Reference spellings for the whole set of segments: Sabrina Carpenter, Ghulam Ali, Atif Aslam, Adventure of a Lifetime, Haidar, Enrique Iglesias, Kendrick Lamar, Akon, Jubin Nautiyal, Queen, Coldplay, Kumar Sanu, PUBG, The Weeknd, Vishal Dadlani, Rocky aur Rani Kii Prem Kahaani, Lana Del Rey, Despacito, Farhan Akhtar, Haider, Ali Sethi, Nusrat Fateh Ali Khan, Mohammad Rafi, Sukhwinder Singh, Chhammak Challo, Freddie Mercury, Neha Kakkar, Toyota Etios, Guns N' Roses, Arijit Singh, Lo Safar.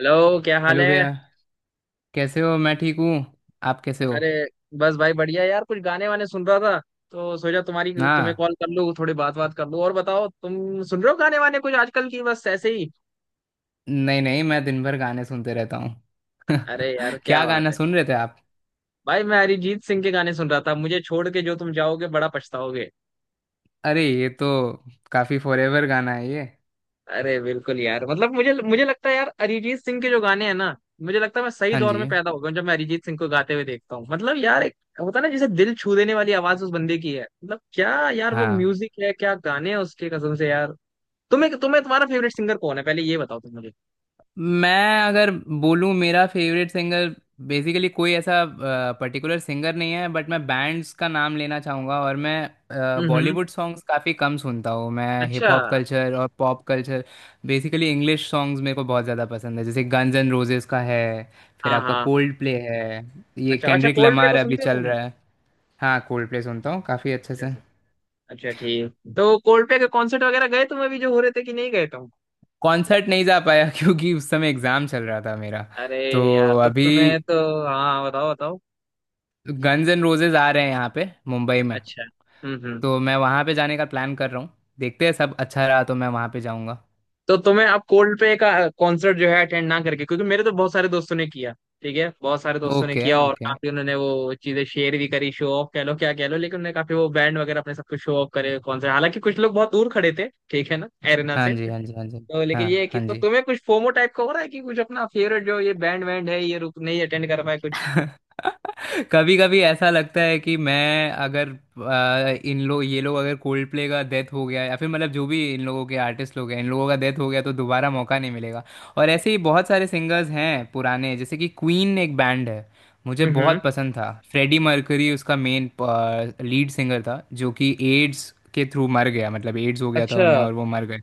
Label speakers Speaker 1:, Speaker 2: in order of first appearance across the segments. Speaker 1: Hello क्या हाल
Speaker 2: hello
Speaker 1: है।
Speaker 2: भैया। कैसे हो? मैं ठीक हूँ। आप कैसे हो?
Speaker 1: अरे बस भाई बढ़िया यार कुछ गाने वाने सुन रहा था तो सोचा तुम्हारी तुम्हें
Speaker 2: हाँ,
Speaker 1: कॉल कर लूँ थोड़ी बात बात कर लूँ। और बताओ तुम सुन रहे हो गाने वाने कुछ आजकल की, बस ऐसे ही।
Speaker 2: नहीं नहीं, मैं दिन भर गाने सुनते रहता हूँ।
Speaker 1: अरे यार क्या
Speaker 2: क्या
Speaker 1: बात
Speaker 2: गाना
Speaker 1: है।
Speaker 2: सुन रहे थे आप?
Speaker 1: भाई मैं अरिजीत सिंह के गाने सुन रहा था, मुझे छोड़ के जो तुम जाओगे बड़ा पछताओगे।
Speaker 2: अरे, ये तो काफ़ी फॉरेवर गाना है ये।
Speaker 1: अरे बिल्कुल यार, मतलब मुझे मुझे लगता है यार अरिजीत सिंह के जो गाने हैं ना, मुझे लगता है मैं सही
Speaker 2: हाँ
Speaker 1: दौर
Speaker 2: जी।
Speaker 1: में पैदा हो गया हूं। जब मैं अरिजीत सिंह को गाते हुए देखता हूँ मतलब यार एक होता है ना, जैसे दिल छू देने वाली आवाज उस बंदे की है। मतलब क्या यार वो
Speaker 2: हाँ।
Speaker 1: म्यूजिक है, क्या गाने हैं उसके, कसम से यार। तुम्हें तुम्हें तुम्हारा फेवरेट सिंगर कौन है, पहले ये बताओ तुम मुझे।
Speaker 2: मैं अगर बोलूँ मेरा फेवरेट सिंगर, बेसिकली कोई ऐसा पर्टिकुलर सिंगर नहीं है, बट मैं बैंड्स का नाम लेना चाहूँगा। और मैं
Speaker 1: हम्म।
Speaker 2: बॉलीवुड सॉन्ग्स काफ़ी कम सुनता हूँ, मैं
Speaker 1: अच्छा।
Speaker 2: हिप हॉप कल्चर और pop culture, basically English songs मेरे को बहुत ज़्यादा पसंद है। जैसे गन्स एंड रोजेस का है, फिर
Speaker 1: हाँ
Speaker 2: आपका
Speaker 1: हाँ।
Speaker 2: कोल्ड प्ले है, ये
Speaker 1: अच्छा अच्छा,
Speaker 2: केंड्रिक
Speaker 1: कोल्ड प्ले
Speaker 2: लमार
Speaker 1: को
Speaker 2: अभी
Speaker 1: सुनते हो
Speaker 2: चल
Speaker 1: तुम?
Speaker 2: रहा है। हाँ, कोल्ड प्ले सुनता हूँ काफ़ी अच्छे
Speaker 1: अच्छा
Speaker 2: से।
Speaker 1: से। अच्छा ठीक, तो कोल्ड प्ले के कॉन्सर्ट वगैरह गए तुम, अभी जो हो रहे थे, कि नहीं गए तुम?
Speaker 2: कॉन्सर्ट नहीं जा पाया क्योंकि उस समय एग्ज़ाम चल रहा था मेरा।
Speaker 1: अरे
Speaker 2: तो
Speaker 1: यार, तो
Speaker 2: अभी
Speaker 1: तुम्हें तो, हाँ बताओ बताओ।
Speaker 2: गन्स एंड रोजेज आ रहे हैं यहाँ पे मुंबई में,
Speaker 1: अच्छा। हम्म।
Speaker 2: तो मैं वहाँ पे जाने का प्लान कर रहा हूँ। देखते हैं, सब अच्छा रहा तो मैं वहाँ पे जाऊँगा।
Speaker 1: तो तुम्हें अब कोल्डप्ले का कॉन्सर्ट जो है अटेंड ना करके, क्योंकि मेरे तो बहुत सारे दोस्तों ने किया, ठीक है, बहुत सारे दोस्तों ने
Speaker 2: ओके
Speaker 1: किया और
Speaker 2: ओके।
Speaker 1: काफी उन्होंने वो चीजें शेयर भी करी, शो ऑफ कह लो क्या कह लो, लेकिन उन्होंने काफी वो बैंड वगैरह अपने सब कुछ शो ऑफ करे कॉन्सर्ट, हालांकि कुछ लोग बहुत दूर खड़े थे ठीक है ना, एरिना
Speaker 2: हाँ
Speaker 1: से।
Speaker 2: जी हाँ जी हाँ जी।
Speaker 1: तो
Speaker 2: हाँ।
Speaker 1: लेकिन ये है कि
Speaker 2: हाँ
Speaker 1: तो
Speaker 2: जी।
Speaker 1: तुम्हें कुछ फोमो टाइप का हो रहा है कि कुछ अपना फेवरेट जो ये बैंड वैंड है ये रुक नहीं अटेंड कर पाए कुछ।
Speaker 2: कभी कभी ऐसा लगता है कि मैं अगर इन लोग ये लोग अगर कोल्ड प्ले का डेथ हो गया, या फिर मतलब जो भी इन लोगों के आर्टिस्ट लोग हैं, इन लोगों का डेथ हो गया तो दोबारा मौका नहीं मिलेगा। और ऐसे ही बहुत सारे सिंगर्स हैं पुराने, जैसे कि क्वीन एक बैंड है, मुझे
Speaker 1: हम्म।
Speaker 2: बहुत पसंद था। फ्रेडी मर्करी उसका मेन लीड सिंगर था, जो कि एड्स के थ्रू मर गया, मतलब एड्स हो गया था
Speaker 1: अच्छा।
Speaker 2: उन्हें और वो मर गए।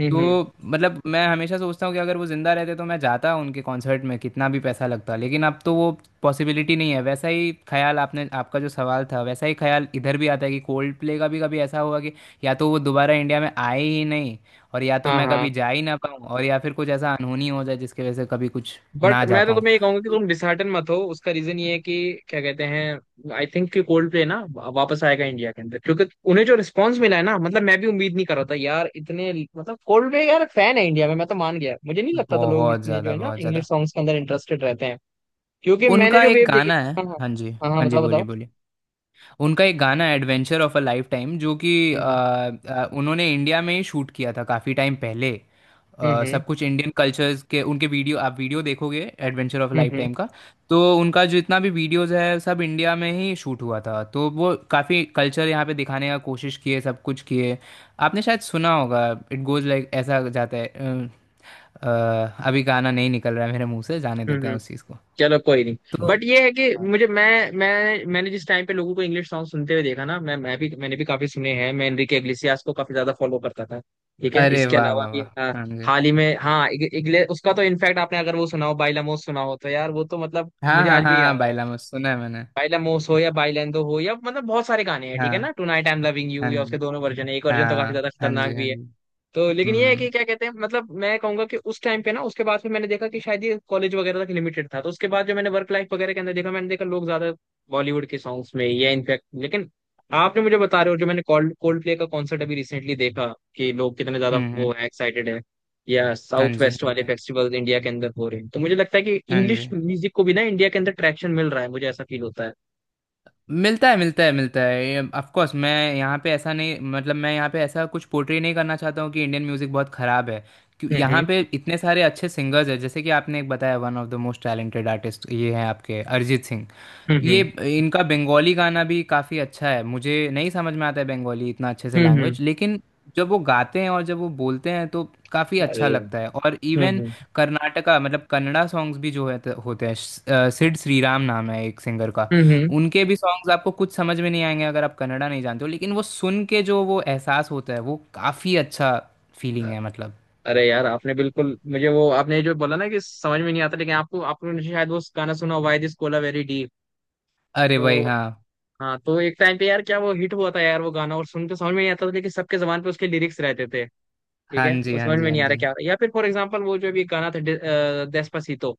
Speaker 2: तो
Speaker 1: हम्म।
Speaker 2: मतलब मैं हमेशा सोचता हूँ कि अगर वो जिंदा रहते तो मैं जाता उनके कॉन्सर्ट में, कितना भी पैसा लगता, लेकिन अब तो वो पॉसिबिलिटी नहीं है। वैसा ही ख्याल आपने आपका जो सवाल था, वैसा ही ख्याल इधर भी आता है कि कोल्ड प्ले का भी कभी ऐसा होगा कि या तो वो दोबारा इंडिया में आए ही नहीं, और या तो
Speaker 1: हाँ
Speaker 2: मैं
Speaker 1: हाँ,
Speaker 2: कभी जा ही ना पाऊँ, और या फिर कुछ ऐसा अनहोनी हो जाए जिसकी वजह से कभी कुछ
Speaker 1: बट
Speaker 2: ना जा
Speaker 1: मैं तो
Speaker 2: पाऊँ।
Speaker 1: तुम्हें ये कहूंगा कि
Speaker 2: तो
Speaker 1: तुम डिसहार्टन मत हो, उसका रीजन ये है कि क्या कहते हैं, आई थिंक कि कोल्ड प्ले ना वापस आएगा इंडिया के अंदर, क्योंकि उन्हें जो रिस्पांस मिला है ना, मतलब मैं भी उम्मीद नहीं कर रहा था यार इतने, मतलब कोल्ड प्ले यार फैन है इंडिया में, मैं तो मान गया, मुझे नहीं लगता था लोग
Speaker 2: बहुत
Speaker 1: इतने जो
Speaker 2: ज़्यादा
Speaker 1: है ना
Speaker 2: बहुत ज़्यादा।
Speaker 1: इंग्लिश सॉन्ग्स के अंदर इंटरेस्टेड रहते हैं, क्योंकि मैंने
Speaker 2: उनका
Speaker 1: जो
Speaker 2: एक
Speaker 1: वेव देखी।
Speaker 2: गाना है।
Speaker 1: हाँ हाँ।
Speaker 2: हाँ जी
Speaker 1: हाँ हाँ
Speaker 2: हाँ जी।
Speaker 1: बताओ
Speaker 2: बोलिए
Speaker 1: बताओ।
Speaker 2: बोलिए। उनका एक गाना adventure of a lifetime, जो कि
Speaker 1: हम्म
Speaker 2: उन्होंने इंडिया में ही शूट किया था काफ़ी टाइम पहले।
Speaker 1: हम्म हम्म
Speaker 2: सब कुछ इंडियन कल्चर्स के उनके वीडियो, आप वीडियो देखोगे adventure of life
Speaker 1: hmm.
Speaker 2: Time का। तो उनका जितना भी वीडियोस है सब इंडिया में ही शूट हुआ था, तो वो काफ़ी कल्चर यहाँ पे दिखाने का कोशिश किए, सब कुछ किए। आपने शायद सुना होगा, इट गोज लाइक ऐसा जाता है अ, अभी गाना नहीं निकल रहा है मेरे मुंह से, जाने देते हैं
Speaker 1: हम्म।
Speaker 2: उस चीज़ को।
Speaker 1: चलो कोई नहीं,
Speaker 2: तो
Speaker 1: बट ये है कि
Speaker 2: हाँ
Speaker 1: मुझे
Speaker 2: जी।
Speaker 1: मैं मैंने जिस टाइम पे लोगों को इंग्लिश सॉन्ग सुनते हुए देखा ना, मैं भी मैंने भी काफी सुने हैं, मैं एनरिके इग्लेसियास को काफी ज्यादा फॉलो करता था। ठीक है,
Speaker 2: अरे
Speaker 1: इसके
Speaker 2: वाह
Speaker 1: अलावा
Speaker 2: वाह
Speaker 1: भी हाँ,
Speaker 2: वाह। हाँ जी।
Speaker 1: हाल ही में हाँ, उसका तो इनफैक्ट, आपने अगर वो सुना हो बाइला मोस सुना हो तो यार वो तो मतलब
Speaker 2: हाँ
Speaker 1: मुझे
Speaker 2: हाँ
Speaker 1: आज
Speaker 2: हाँ
Speaker 1: भी याद
Speaker 2: हाँ,
Speaker 1: है।
Speaker 2: बाइलामस सुना है मैंने।
Speaker 1: बाइला मोस हो या बाइलेंदो हो या मतलब बहुत सारे गाने हैं, ठीक
Speaker 2: हाँ।
Speaker 1: है ना, tonight I am loving you,
Speaker 2: हाँ
Speaker 1: या उसके
Speaker 2: जी।
Speaker 1: दोनों वर्जन है, एक वर्जन तो काफी
Speaker 2: हाँ।
Speaker 1: ज्यादा
Speaker 2: हाँ
Speaker 1: खतरनाक
Speaker 2: जी।
Speaker 1: भी
Speaker 2: हाँ
Speaker 1: है।
Speaker 2: जी।
Speaker 1: तो लेकिन ये है कि
Speaker 2: हम्म
Speaker 1: क्या कहते हैं, मतलब मैं कहूंगा कि उस टाइम पे ना उसके बाद फिर मैंने देखा कि शायद ये कॉलेज वगैरह तक लिमिटेड था, तो उसके बाद जो मैंने वर्क लाइफ वगैरह के अंदर देखा, मैंने देखा लोग ज्यादा बॉलीवुड के सॉन्ग्स में, या इनफैक्ट लेकिन आपने मुझे बता रहे हो जो मैंने कोल्ड कोल्ड प्ले का कॉन्सर्ट अभी रिसेंटली देखा कि लोग कितने ज्यादा वो
Speaker 2: हम्म।
Speaker 1: है एक्साइटेड है, या
Speaker 2: हाँ
Speaker 1: साउथ
Speaker 2: जी
Speaker 1: वेस्ट
Speaker 2: हाँ
Speaker 1: वाले
Speaker 2: जी
Speaker 1: फेस्टिवल इंडिया के अंदर हो रहे हैं, तो मुझे लगता है कि
Speaker 2: हाँ
Speaker 1: इंग्लिश
Speaker 2: जी।
Speaker 1: म्यूजिक को भी ना इंडिया के अंदर ट्रैक्शन मिल रहा है, मुझे ऐसा फील होता है।
Speaker 2: मिलता है मिलता है मिलता है। ये ऑफ कोर्स, मैं यहाँ पे ऐसा नहीं, मतलब मैं यहाँ पे ऐसा कुछ पोर्ट्रे नहीं करना चाहता हूँ कि इंडियन म्यूज़िक बहुत ख़राब है। क्यों, यहाँ
Speaker 1: हम्म
Speaker 2: पे इतने सारे अच्छे सिंगर्स हैं। जैसे कि आपने एक बताया, one of the most talented artist, ये हैं आपके अरिजीत सिंह।
Speaker 1: हम्म।
Speaker 2: ये, इनका बंगाली गाना भी काफ़ी अच्छा है, मुझे नहीं समझ में आता है बंगाली, इतना अच्छे से
Speaker 1: हम्म।
Speaker 2: लैंग्वेज,
Speaker 1: हम्म।
Speaker 2: लेकिन जब वो गाते हैं और जब वो बोलते हैं तो काफ़ी
Speaker 1: अरे
Speaker 2: अच्छा लगता है।
Speaker 1: हम्म
Speaker 2: और इवन
Speaker 1: हम्म
Speaker 2: कर्नाटका मतलब कन्नड़ा सॉन्ग्स भी जो है तो होते हैं सिड श्रीराम नाम है एक सिंगर का।
Speaker 1: हम्म। हम्म।
Speaker 2: उनके भी सॉन्ग्स आपको कुछ समझ में नहीं आएंगे अगर आप कन्नड़ा नहीं जानते हो, लेकिन वो सुन के जो वो एहसास होता है वो काफ़ी अच्छा फीलिंग है, मतलब।
Speaker 1: अरे यार आपने बिल्कुल मुझे वो आपने जो बोला ना कि समझ में नहीं आता, लेकिन आपको आपने शायद वो गाना सुना, why this Kolaveri deep.
Speaker 2: अरे भाई
Speaker 1: तो
Speaker 2: हाँ।
Speaker 1: हाँ, तो एक टाइम पे यार क्या वो हिट हुआ था यार वो गाना, और सुन के समझ में नहीं आता था लेकिन सबके जबान पे उसके लिरिक्स रहते थे। ठीक
Speaker 2: हाँ
Speaker 1: है,
Speaker 2: जी
Speaker 1: तो
Speaker 2: हाँ
Speaker 1: समझ
Speaker 2: जी
Speaker 1: में
Speaker 2: हाँ
Speaker 1: नहीं आ रहा
Speaker 2: जी।
Speaker 1: क्या हो रहा है। या फिर फॉर एग्जाम्पल वो जो भी गाना था डेस्पासीतो,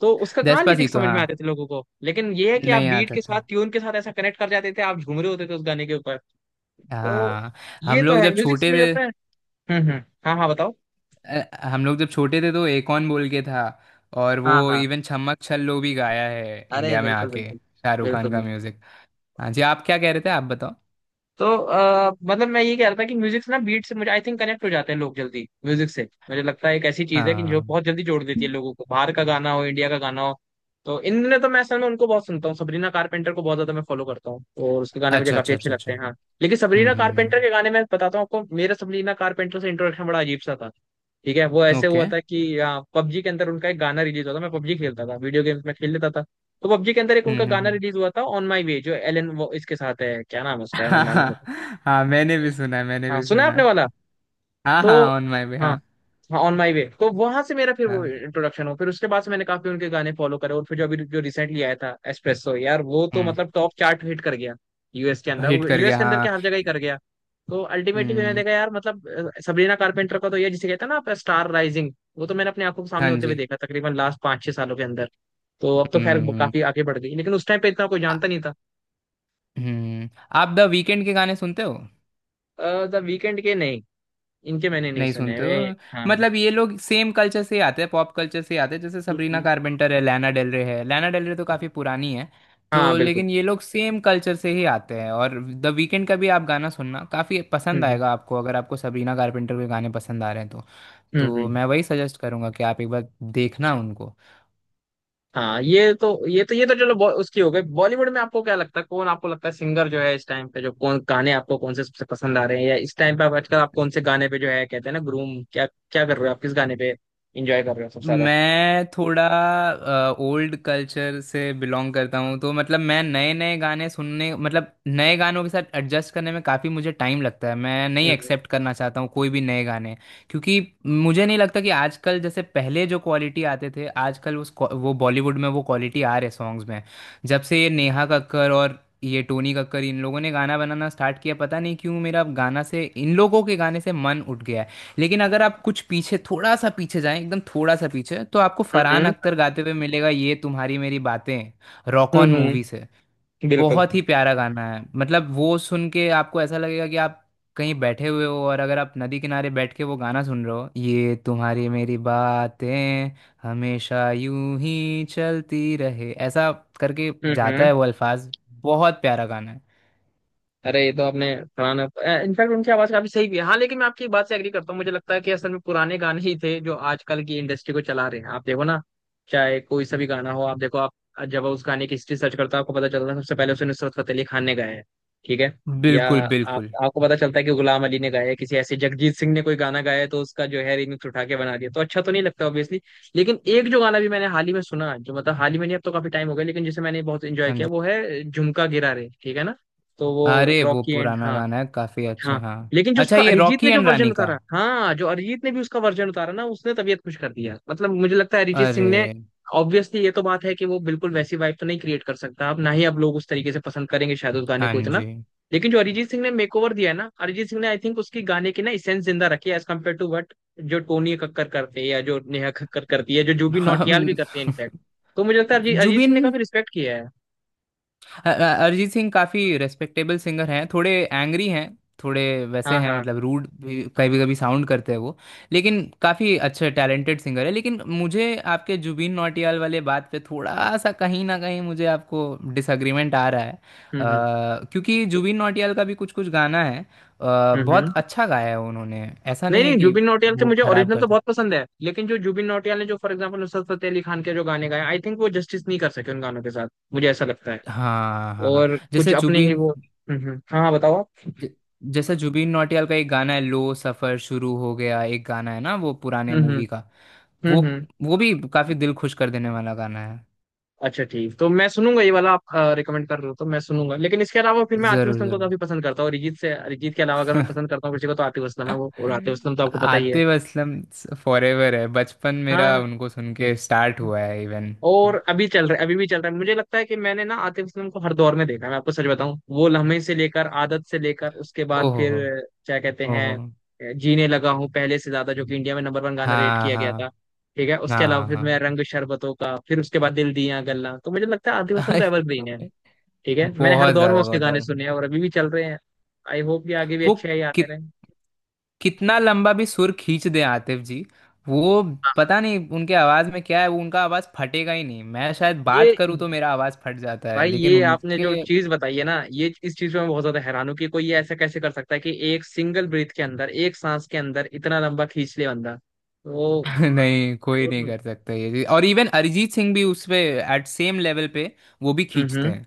Speaker 1: तो उसका कहाँ लिरिक्स
Speaker 2: डेस्पासीतो
Speaker 1: समझ
Speaker 2: हाँ,
Speaker 1: में आते थे लोगों को, लेकिन ये है कि आप
Speaker 2: नहीं
Speaker 1: बीट
Speaker 2: आता
Speaker 1: के
Speaker 2: था।
Speaker 1: साथ ट्यून के साथ ऐसा कनेक्ट कर जाते थे, आप झूम रहे होते थे उस गाने के ऊपर। तो
Speaker 2: हाँ।
Speaker 1: ये
Speaker 2: हम
Speaker 1: तो
Speaker 2: लोग
Speaker 1: है
Speaker 2: जब
Speaker 1: म्यूजिक से
Speaker 2: छोटे
Speaker 1: मुझे
Speaker 2: थे
Speaker 1: लगता है। हम्म। हाँ हाँ बताओ।
Speaker 2: हम लोग जब छोटे थे तो एकॉन बोल के था। और वो
Speaker 1: हाँ हाँ।
Speaker 2: इवन छम्मक छल्लो भी गाया है
Speaker 1: अरे
Speaker 2: इंडिया में
Speaker 1: बिल्कुल
Speaker 2: आके
Speaker 1: बिल्कुल
Speaker 2: शाहरुख खान का
Speaker 1: बिल्कुल।
Speaker 2: म्यूजिक। हाँ जी। आप क्या कह रहे थे? आप बताओ।
Speaker 1: तो मतलब मैं ये कह रहा था कि म्यूजिक से ना, बीट से मुझे आई थिंक कनेक्ट हो जाते हैं लोग जल्दी म्यूजिक से, मुझे लगता है एक ऐसी चीज है कि जो
Speaker 2: हाँ।
Speaker 1: बहुत जल्दी जोड़ देती है लोगों को, बाहर का गाना हो इंडिया का गाना हो। तो इन दिनों तो मैं असल में उनको बहुत सुनता हूँ, सबरीना कारपेंटर को बहुत ज्यादा मैं फॉलो करता हूँ और उसके गाने मुझे
Speaker 2: अच्छा
Speaker 1: काफी
Speaker 2: अच्छा
Speaker 1: अच्छे
Speaker 2: अच्छा
Speaker 1: लगते
Speaker 2: अच्छा।
Speaker 1: हैं, हाँ। लेकिन सबरीना कारपेंटर
Speaker 2: हम्म।
Speaker 1: के गाने, मैं बताता हूँ आपको, मेरा सबरीना कारपेंटर से इंट्रोडक्शन बड़ा अजीब सा था। ठीक है, वो
Speaker 2: ओके।
Speaker 1: ऐसे हुआ
Speaker 2: Okay।
Speaker 1: था कि पबजी के अंदर उनका एक गाना रिलीज हुआ था, मैं पबजी खेलता था, वीडियो गेम्स में खेल लेता था। तो पबजी के अंदर एक उनका गाना
Speaker 2: हम्म।
Speaker 1: रिलीज हुआ था, ऑन माई वे, जो एलन वो इसके साथ है, क्या नाम है उसका यार, मेरे
Speaker 2: हाँ
Speaker 1: नाम।
Speaker 2: हाँ। हाँ मैंने भी सुना है मैंने
Speaker 1: हाँ
Speaker 2: भी
Speaker 1: सुना है
Speaker 2: सुना है।
Speaker 1: आपने वाला।
Speaker 2: हाँ हाँ
Speaker 1: तो
Speaker 2: ऑन माई वे
Speaker 1: हाँ
Speaker 2: हाँ।
Speaker 1: हाँ, ऑन माई वे। तो वहां से मेरा फिर वो
Speaker 2: हाँ।
Speaker 1: इंट्रोडक्शन हो, फिर उसके बाद से मैंने काफी उनके गाने फॉलो करे और फिर जो अभी जो रिसेंटली आया था एस्प्रेसो यार, वो तो
Speaker 2: हम्म।
Speaker 1: मतलब टॉप चार्ट हिट कर गया, यूएस के अंदर,
Speaker 2: हिट
Speaker 1: वो
Speaker 2: कर
Speaker 1: यूएस
Speaker 2: गया
Speaker 1: के अंदर
Speaker 2: हाँ।
Speaker 1: क्या हर जगह ही कर गया। तो अल्टीमेटली मैंने
Speaker 2: हम्म।
Speaker 1: देखा यार, मतलब सबरीना कारपेंटर का तो ये जिसे कहते हैं ना आप स्टार राइजिंग, वो तो मैंने अपनी आंखों के सामने
Speaker 2: हाँ
Speaker 1: होते हुए
Speaker 2: जी।
Speaker 1: देखा तकरीबन लास्ट पाँच छह सालों के अंदर। तो अब तो खैर वो काफी
Speaker 2: हम्म।
Speaker 1: आगे बढ़ गई लेकिन उस टाइम पे इतना कोई
Speaker 2: आ-
Speaker 1: जानता नहीं था।
Speaker 2: हम्म। आप द वीकेंड के गाने सुनते हो?
Speaker 1: द वीकेंड के नहीं, इनके मैंने नहीं
Speaker 2: नहीं
Speaker 1: सुने
Speaker 2: सुनते हो?
Speaker 1: वे। हाँ हम्म।
Speaker 2: मतलब ये लोग सेम कल्चर से ही आते हैं, पॉप कल्चर से ही आते हैं। जैसे सबरीना
Speaker 1: हम्म।
Speaker 2: कारपेंटर है, लैना डेल रे है। लैना डेल रे तो काफ़ी पुरानी है।
Speaker 1: हाँ
Speaker 2: तो
Speaker 1: बिल्कुल।
Speaker 2: लेकिन ये लोग सेम कल्चर से ही आते हैं और द वीकेंड का भी आप गाना सुनना काफ़ी पसंद
Speaker 1: हम्म
Speaker 2: आएगा आपको, अगर आपको सबरीना कारपेंटर के गाने पसंद आ रहे हैं तो।
Speaker 1: हम्म।
Speaker 2: तो
Speaker 1: हम्म।
Speaker 2: मैं वही सजेस्ट करूंगा कि आप एक बार देखना उनको।
Speaker 1: हाँ ये तो ये तो चलो, उसकी हो गई। बॉलीवुड में आपको क्या लगता है, कौन आपको लगता है सिंगर जो है इस टाइम पे, जो कौन गाने आपको, कौन से सबसे पसंद आ रहे हैं या इस टाइम पे आप आजकल, आप कौन से गाने पे जो है कहते हैं ना ग्रूम, क्या क्या कर रहे हो आप, किस गाने पे एंजॉय कर रहे हो सबसे ज्यादा?
Speaker 2: मैं थोड़ा ओल्ड कल्चर से बिलोंग करता हूँ, तो मतलब मैं नए नए गाने सुनने, मतलब नए गानों के साथ एडजस्ट करने में काफ़ी मुझे टाइम लगता है। मैं नहीं
Speaker 1: हम्म
Speaker 2: एक्सेप्ट करना चाहता हूँ कोई भी नए गाने, क्योंकि मुझे नहीं लगता कि आजकल जैसे पहले जो क्वालिटी आते थे, आजकल उस वो बॉलीवुड में वो क्वालिटी आ रहे सॉन्ग्स में। जब से ये नेहा कक्कर और ये टोनी कक्कर, इन लोगों ने गाना बनाना स्टार्ट किया, पता नहीं क्यों मेरा गाना से, इन लोगों के गाने से मन उठ गया है। लेकिन अगर आप कुछ पीछे, थोड़ा सा पीछे जाएं, एकदम थोड़ा सा पीछे, तो आपको
Speaker 1: हम्म।
Speaker 2: फरहान अख्तर गाते हुए मिलेगा ये तुम्हारी मेरी बातें, rock
Speaker 1: hmm.
Speaker 2: On
Speaker 1: hmm.
Speaker 2: Movie से।
Speaker 1: बिल्कुल।
Speaker 2: बहुत ही प्यारा गाना है, मतलब वो सुन के आपको ऐसा लगेगा कि आप कहीं बैठे हुए हो, और अगर आप नदी किनारे बैठ के वो गाना सुन रहे हो, ये तुम्हारी मेरी बातें हमेशा यूं ही चलती रहे, ऐसा करके जाता
Speaker 1: हम्म।
Speaker 2: है वो अल्फाज। बहुत प्यारा गाना है।
Speaker 1: अरे ये तो आपने पुराना, इनफैक्ट उनकी आवाज काफी सही भी है हाँ, लेकिन मैं आपकी बात से एग्री करता हूँ, मुझे लगता है कि असल में पुराने गाने ही थे जो आजकल की इंडस्ट्री को चला रहे हैं। आप देखो ना, चाहे कोई सा भी गाना हो, आप देखो, आप जब उस गाने की हिस्ट्री सर्च करते हो आपको पता चलता है सबसे पहले उसे नुसरत फतेह अली खान ने गाया है, ठीक है, या
Speaker 2: बिल्कुल
Speaker 1: आप
Speaker 2: बिल्कुल।
Speaker 1: आपको पता चलता है कि गुलाम अली ने गाया है, किसी ऐसे जगजीत सिंह ने कोई गाना गाया है, तो उसका जो है रिमिक्स उठा के बना दिया, तो अच्छा तो नहीं लगता ऑब्वियसली। लेकिन एक जो गाना भी मैंने हाल ही में सुना, जो मतलब हाल ही में नहीं अब तो काफी टाइम हो गया, लेकिन जिसे मैंने बहुत एंजॉय
Speaker 2: हाँ
Speaker 1: किया,
Speaker 2: जी।
Speaker 1: वो है झुमका गिरा रे, ठीक है ना, तो वो
Speaker 2: अरे वो
Speaker 1: रॉकी एंड,
Speaker 2: पुराना
Speaker 1: हाँ।
Speaker 2: गाना है, काफी अच्छा,
Speaker 1: हाँ,
Speaker 2: हाँ।
Speaker 1: लेकिन जो
Speaker 2: अच्छा,
Speaker 1: उसका
Speaker 2: ये
Speaker 1: अरिजीत
Speaker 2: रॉकी
Speaker 1: ने जो
Speaker 2: एंड
Speaker 1: वर्जन
Speaker 2: रानी का?
Speaker 1: उतारा, हाँ, जो अरिजीत ने भी उसका वर्जन उतारा ना, उसने तबीयत खुश कर दिया, मतलब मुझे लगता है अरिजीत
Speaker 2: अरे।
Speaker 1: सिंह ने। ऑब्वियसली ये तो बात है कि वो बिल्कुल वैसी वाइब तो नहीं क्रिएट कर सकता अब, ना ही अब लोग उस तरीके से पसंद करेंगे शायद उस गाने
Speaker 2: हाँ
Speaker 1: को इतना,
Speaker 2: जी।
Speaker 1: लेकिन जो अरिजीत सिंह ने मेकओवर दिया है ना, अरिजीत सिंह ने आई थिंक उसकी गाने की ना इसेंस जिंदा रखी है, एज कम्पेयर टू वट जो टोनी कक्कर करते हैं या जो नेहा कक्कर करती है, जो जुबिन नौटियाल भी
Speaker 2: हम।
Speaker 1: करते हैं इनफैक्ट। तो मुझे लगता है अरिजीत अरिजीत
Speaker 2: जुबिन
Speaker 1: सिंह ने काफी रिस्पेक्ट किया है।
Speaker 2: अरिजीत सिंह काफी रेस्पेक्टेबल सिंगर हैं, थोड़े एंग्री हैं, थोड़े वैसे
Speaker 1: हाँ
Speaker 2: हैं,
Speaker 1: हाँ।
Speaker 2: मतलब रूड भी कभी कभी साउंड करते हैं वो। लेकिन काफी अच्छे टैलेंटेड सिंगर है, लेकिन मुझे आपके जुबिन नौटियाल वाले बात पे थोड़ा सा, कहीं ना कहीं मुझे आपको डिसएग्रीमेंट आ रहा है।
Speaker 1: हम्म।
Speaker 2: क्योंकि जुबिन नौटियाल का भी कुछ कुछ गाना है,
Speaker 1: हम्म हम्म।
Speaker 2: बहुत अच्छा गाया है उन्होंने। ऐसा
Speaker 1: नहीं
Speaker 2: नहीं है
Speaker 1: नहीं,
Speaker 2: कि
Speaker 1: जुबिन नौटियाल के
Speaker 2: वो
Speaker 1: मुझे
Speaker 2: खराब
Speaker 1: ओरिजिनल तो
Speaker 2: करता।
Speaker 1: बहुत पसंद है लेकिन जो जुबिन नौटियाल ने जो फॉर एग्जांपल नुसरत फतेह अली खान के जो गाने गाए, आई थिंक वो जस्टिस नहीं कर सके उन गानों के साथ, मुझे ऐसा लगता है,
Speaker 2: हाँ हाँ हाँ हाँ।
Speaker 1: और
Speaker 2: जैसे
Speaker 1: कुछ अपने ही
Speaker 2: जुबिन
Speaker 1: वो। हाँ हाँ बताओ आप।
Speaker 2: ज- जैसा जुबिन नौटियाल का एक गाना है लो सफर शुरू हो गया, एक गाना है ना, वो पुराने
Speaker 1: हम्म।
Speaker 2: मूवी का। वो
Speaker 1: हम्म हम्म।
Speaker 2: वो भी काफी दिल खुश कर देने वाला गाना है।
Speaker 1: अच्छा ठीक, तो मैं सुनूंगा, ये वाला आप रिकमेंड कर रहे हो तो मैं सुनूंगा, लेकिन इसके अलावा फिर मैं आतिफ
Speaker 2: जरूर
Speaker 1: असलम को
Speaker 2: जरूर।
Speaker 1: काफी पसंद करता हूँ, अरिजीत से अरिजीत के अलावा अगर मैं पसंद करता हूँ किसी को तो आतिफ असलम है वो, और आतिफ असलम तो आपको पता ही है।
Speaker 2: आतिफ असलम फॉरेवर है, बचपन मेरा
Speaker 1: हाँ,
Speaker 2: उनको सुन के स्टार्ट हुआ है इवन।
Speaker 1: और अभी चल रहा है, अभी भी चल रहा है, मुझे लगता है कि मैंने ना आतिफ असलम को हर दौर में देखा है, मैं आपको सच बताऊं, वो लम्हे से लेकर आदत से लेकर उसके बाद
Speaker 2: ओहो
Speaker 1: फिर क्या कहते हैं
Speaker 2: ओहो।
Speaker 1: जीने लगा हूं पहले से ज्यादा, जो कि इंडिया में नंबर वन गाना रेट
Speaker 2: हाँ
Speaker 1: किया
Speaker 2: हाँ
Speaker 1: गया था, ठीक है, उसके अलावा
Speaker 2: हाँ
Speaker 1: फिर मैं
Speaker 2: हाँ।
Speaker 1: रंग शरबतों का, फिर उसके बाद दिल दिया गल्ला, तो मुझे लगता है आतिफ असलम तो एवरग्रीन है। ठीक है, मैंने हर
Speaker 2: बहुत
Speaker 1: दौर में
Speaker 2: ज्यादा
Speaker 1: उसके
Speaker 2: बहुत
Speaker 1: गाने
Speaker 2: ज्यादा।
Speaker 1: सुने हैं और अभी भी चल रहे हैं। आई होप कि आगे भी
Speaker 2: वो
Speaker 1: अच्छे ही आते
Speaker 2: कित
Speaker 1: रहे, हाँ।
Speaker 2: कितना लंबा भी सुर खींच दे आतिफ जी। वो, पता नहीं उनके आवाज में क्या है, वो उनका आवाज फटेगा ही नहीं। मैं शायद बात
Speaker 1: ये
Speaker 2: करूँ तो मेरा आवाज फट जाता है,
Speaker 1: भाई
Speaker 2: लेकिन
Speaker 1: ये आपने जो
Speaker 2: उनके।
Speaker 1: चीज बताई है ना, ये इस चीज पे मैं बहुत ज्यादा हैरान हूँ कि कोई ये ऐसा कैसे कर सकता है कि एक सिंगल ब्रीथ के अंदर, एक सांस के अंदर इतना लंबा खींच ले बंदा, तो
Speaker 2: नहीं,
Speaker 1: आई
Speaker 2: कोई
Speaker 1: डोंट
Speaker 2: नहीं
Speaker 1: नो।
Speaker 2: कर सकता ये चीज़। और इवन अरिजीत सिंह भी उस पे एट सेम लेवल पे वो भी खींचते
Speaker 1: हम्म।
Speaker 2: हैं।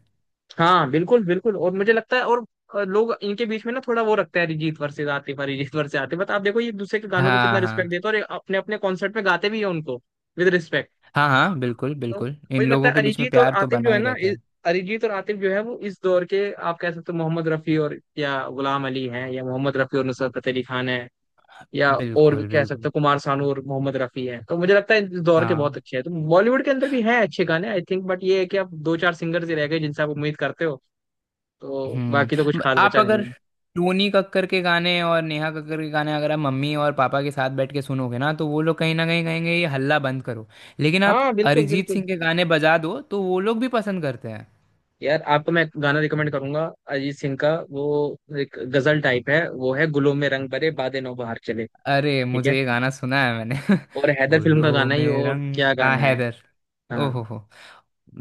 Speaker 1: हाँ बिल्कुल बिल्कुल, और मुझे लगता है और लोग इनके बीच में ना थोड़ा वो रखते हैं, Arijit versus Atif, Arijit versus Atif, but आप देखो ये एक दूसरे के गानों को कितना
Speaker 2: हाँ हाँ
Speaker 1: रिस्पेक्ट देते हैं और ये अपने अपने कॉन्सर्ट में गाते भी है उनको विद रिस्पेक्ट।
Speaker 2: हाँ हाँ। बिल्कुल
Speaker 1: तो
Speaker 2: बिल्कुल,
Speaker 1: मुझे
Speaker 2: इन
Speaker 1: लगता
Speaker 2: लोगों
Speaker 1: है
Speaker 2: के बीच में
Speaker 1: अरिजीत और
Speaker 2: प्यार तो
Speaker 1: आतिफ
Speaker 2: बना
Speaker 1: जो है
Speaker 2: ही
Speaker 1: ना
Speaker 2: रहता है।
Speaker 1: अरिजीत और आतिफ जो है वो इस दौर के आप कह सकते हो मोहम्मद रफी और, या गुलाम अली हैं, या मोहम्मद रफी और नुसरत फतेह अली खान है, या और भी
Speaker 2: बिल्कुल
Speaker 1: कह सकते
Speaker 2: बिल्कुल।
Speaker 1: हो कुमार सानू और मोहम्मद रफी हैं, तो मुझे लगता है इस दौर के बहुत
Speaker 2: हाँ।
Speaker 1: अच्छे हैं, तो बॉलीवुड के अंदर भी हैं अच्छे गाने आई थिंक, बट ये है कि आप दो चार सिंगर्स ही रह गए जिनसे आप उम्मीद करते हो, तो बाकी तो कुछ
Speaker 2: हम्म।
Speaker 1: खास
Speaker 2: आप
Speaker 1: बचा
Speaker 2: अगर
Speaker 1: नहीं है।
Speaker 2: टूनी कक्कर के गाने और नेहा कक्कर के गाने, अगर आप मम्मी और पापा के साथ बैठ के सुनोगे ना, तो वो लोग कहीं ना कहीं कहेंगे ये हल्ला बंद करो। लेकिन आप
Speaker 1: हाँ बिल्कुल
Speaker 2: अरिजीत
Speaker 1: बिल्कुल।
Speaker 2: सिंह के गाने बजा दो तो वो लोग भी पसंद करते हैं।
Speaker 1: यार आपको मैं एक गाना रिकमेंड करूंगा, अरिजीत सिंह का, वो एक गजल टाइप है, वो है गुलों में रंग भरे
Speaker 2: Okay।
Speaker 1: बादे नौबहार चले,
Speaker 2: अरे,
Speaker 1: ठीक है,
Speaker 2: मुझे ये गाना सुना है मैंने।
Speaker 1: और हैदर फिल्म का
Speaker 2: गुलों
Speaker 1: गाना ही
Speaker 2: में
Speaker 1: और
Speaker 2: रंग,
Speaker 1: क्या
Speaker 2: हाँ,
Speaker 1: गाना है।
Speaker 2: हैदर।
Speaker 1: हाँ,
Speaker 2: ओहो हो।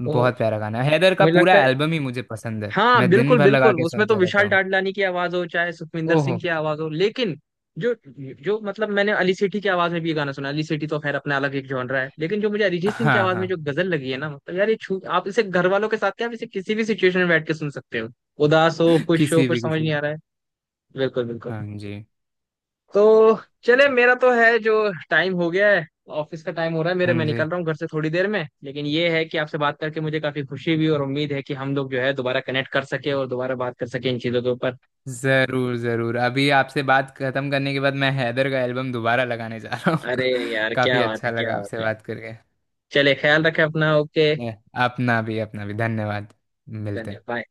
Speaker 1: तो
Speaker 2: बहुत प्यारा गाना है, हैदर का
Speaker 1: मुझे
Speaker 2: पूरा
Speaker 1: लगता है,
Speaker 2: एल्बम ही मुझे पसंद है,
Speaker 1: हाँ
Speaker 2: मैं दिन
Speaker 1: बिल्कुल
Speaker 2: भर लगा
Speaker 1: बिल्कुल,
Speaker 2: के
Speaker 1: उसमें तो
Speaker 2: सुनते रहता
Speaker 1: विशाल
Speaker 2: हूँ।
Speaker 1: डडलानी की आवाज हो चाहे सुखविंदर सिंह
Speaker 2: ओहो।
Speaker 1: की आवाज हो, लेकिन जो, जो मतलब मैंने अली सेठी की आवाज में भी ये गाना सुना, अली सेठी तो खैर अपना अलग एक जॉनरा है, लेकिन जो मुझे अरिजीत सिंह की
Speaker 2: हाँ
Speaker 1: आवाज में जो
Speaker 2: हाँ।
Speaker 1: गजल लगी है ना, मतलब यार ये छू, आप इसे घर वालों के साथ क्या आप इसे किसी भी सिचुएशन में बैठ के सुन सकते हो, उदास हो, खुश हो,
Speaker 2: किसी
Speaker 1: कुछ
Speaker 2: भी
Speaker 1: समझ नहीं
Speaker 2: किसी।
Speaker 1: आ रहा है, बिल्कुल बिल्कुल।
Speaker 2: हाँ जी
Speaker 1: तो चले, मेरा तो है जो टाइम हो गया है, ऑफिस का टाइम हो रहा है मेरे,
Speaker 2: हाँ
Speaker 1: मैं
Speaker 2: जी।
Speaker 1: निकल रहा हूँ घर से थोड़ी देर में, लेकिन ये है कि आपसे बात करके मुझे काफी खुशी भी और उम्मीद है कि हम लोग जो है दोबारा कनेक्ट कर सके और दोबारा बात कर सके इन चीजों के ऊपर।
Speaker 2: जरूर जरूर, अभी आपसे बात खत्म करने के बाद मैं हैदर का एल्बम दोबारा लगाने जा रहा
Speaker 1: अरे
Speaker 2: हूँ।
Speaker 1: यार
Speaker 2: काफी
Speaker 1: क्या बात है,
Speaker 2: अच्छा
Speaker 1: क्या
Speaker 2: लगा आपसे
Speaker 1: बात है।
Speaker 2: बात करके।
Speaker 1: चले ख्याल रखें अपना, ओके।
Speaker 2: अपना भी धन्यवाद, मिलते
Speaker 1: धन्यवाद
Speaker 2: हैं।
Speaker 1: bye.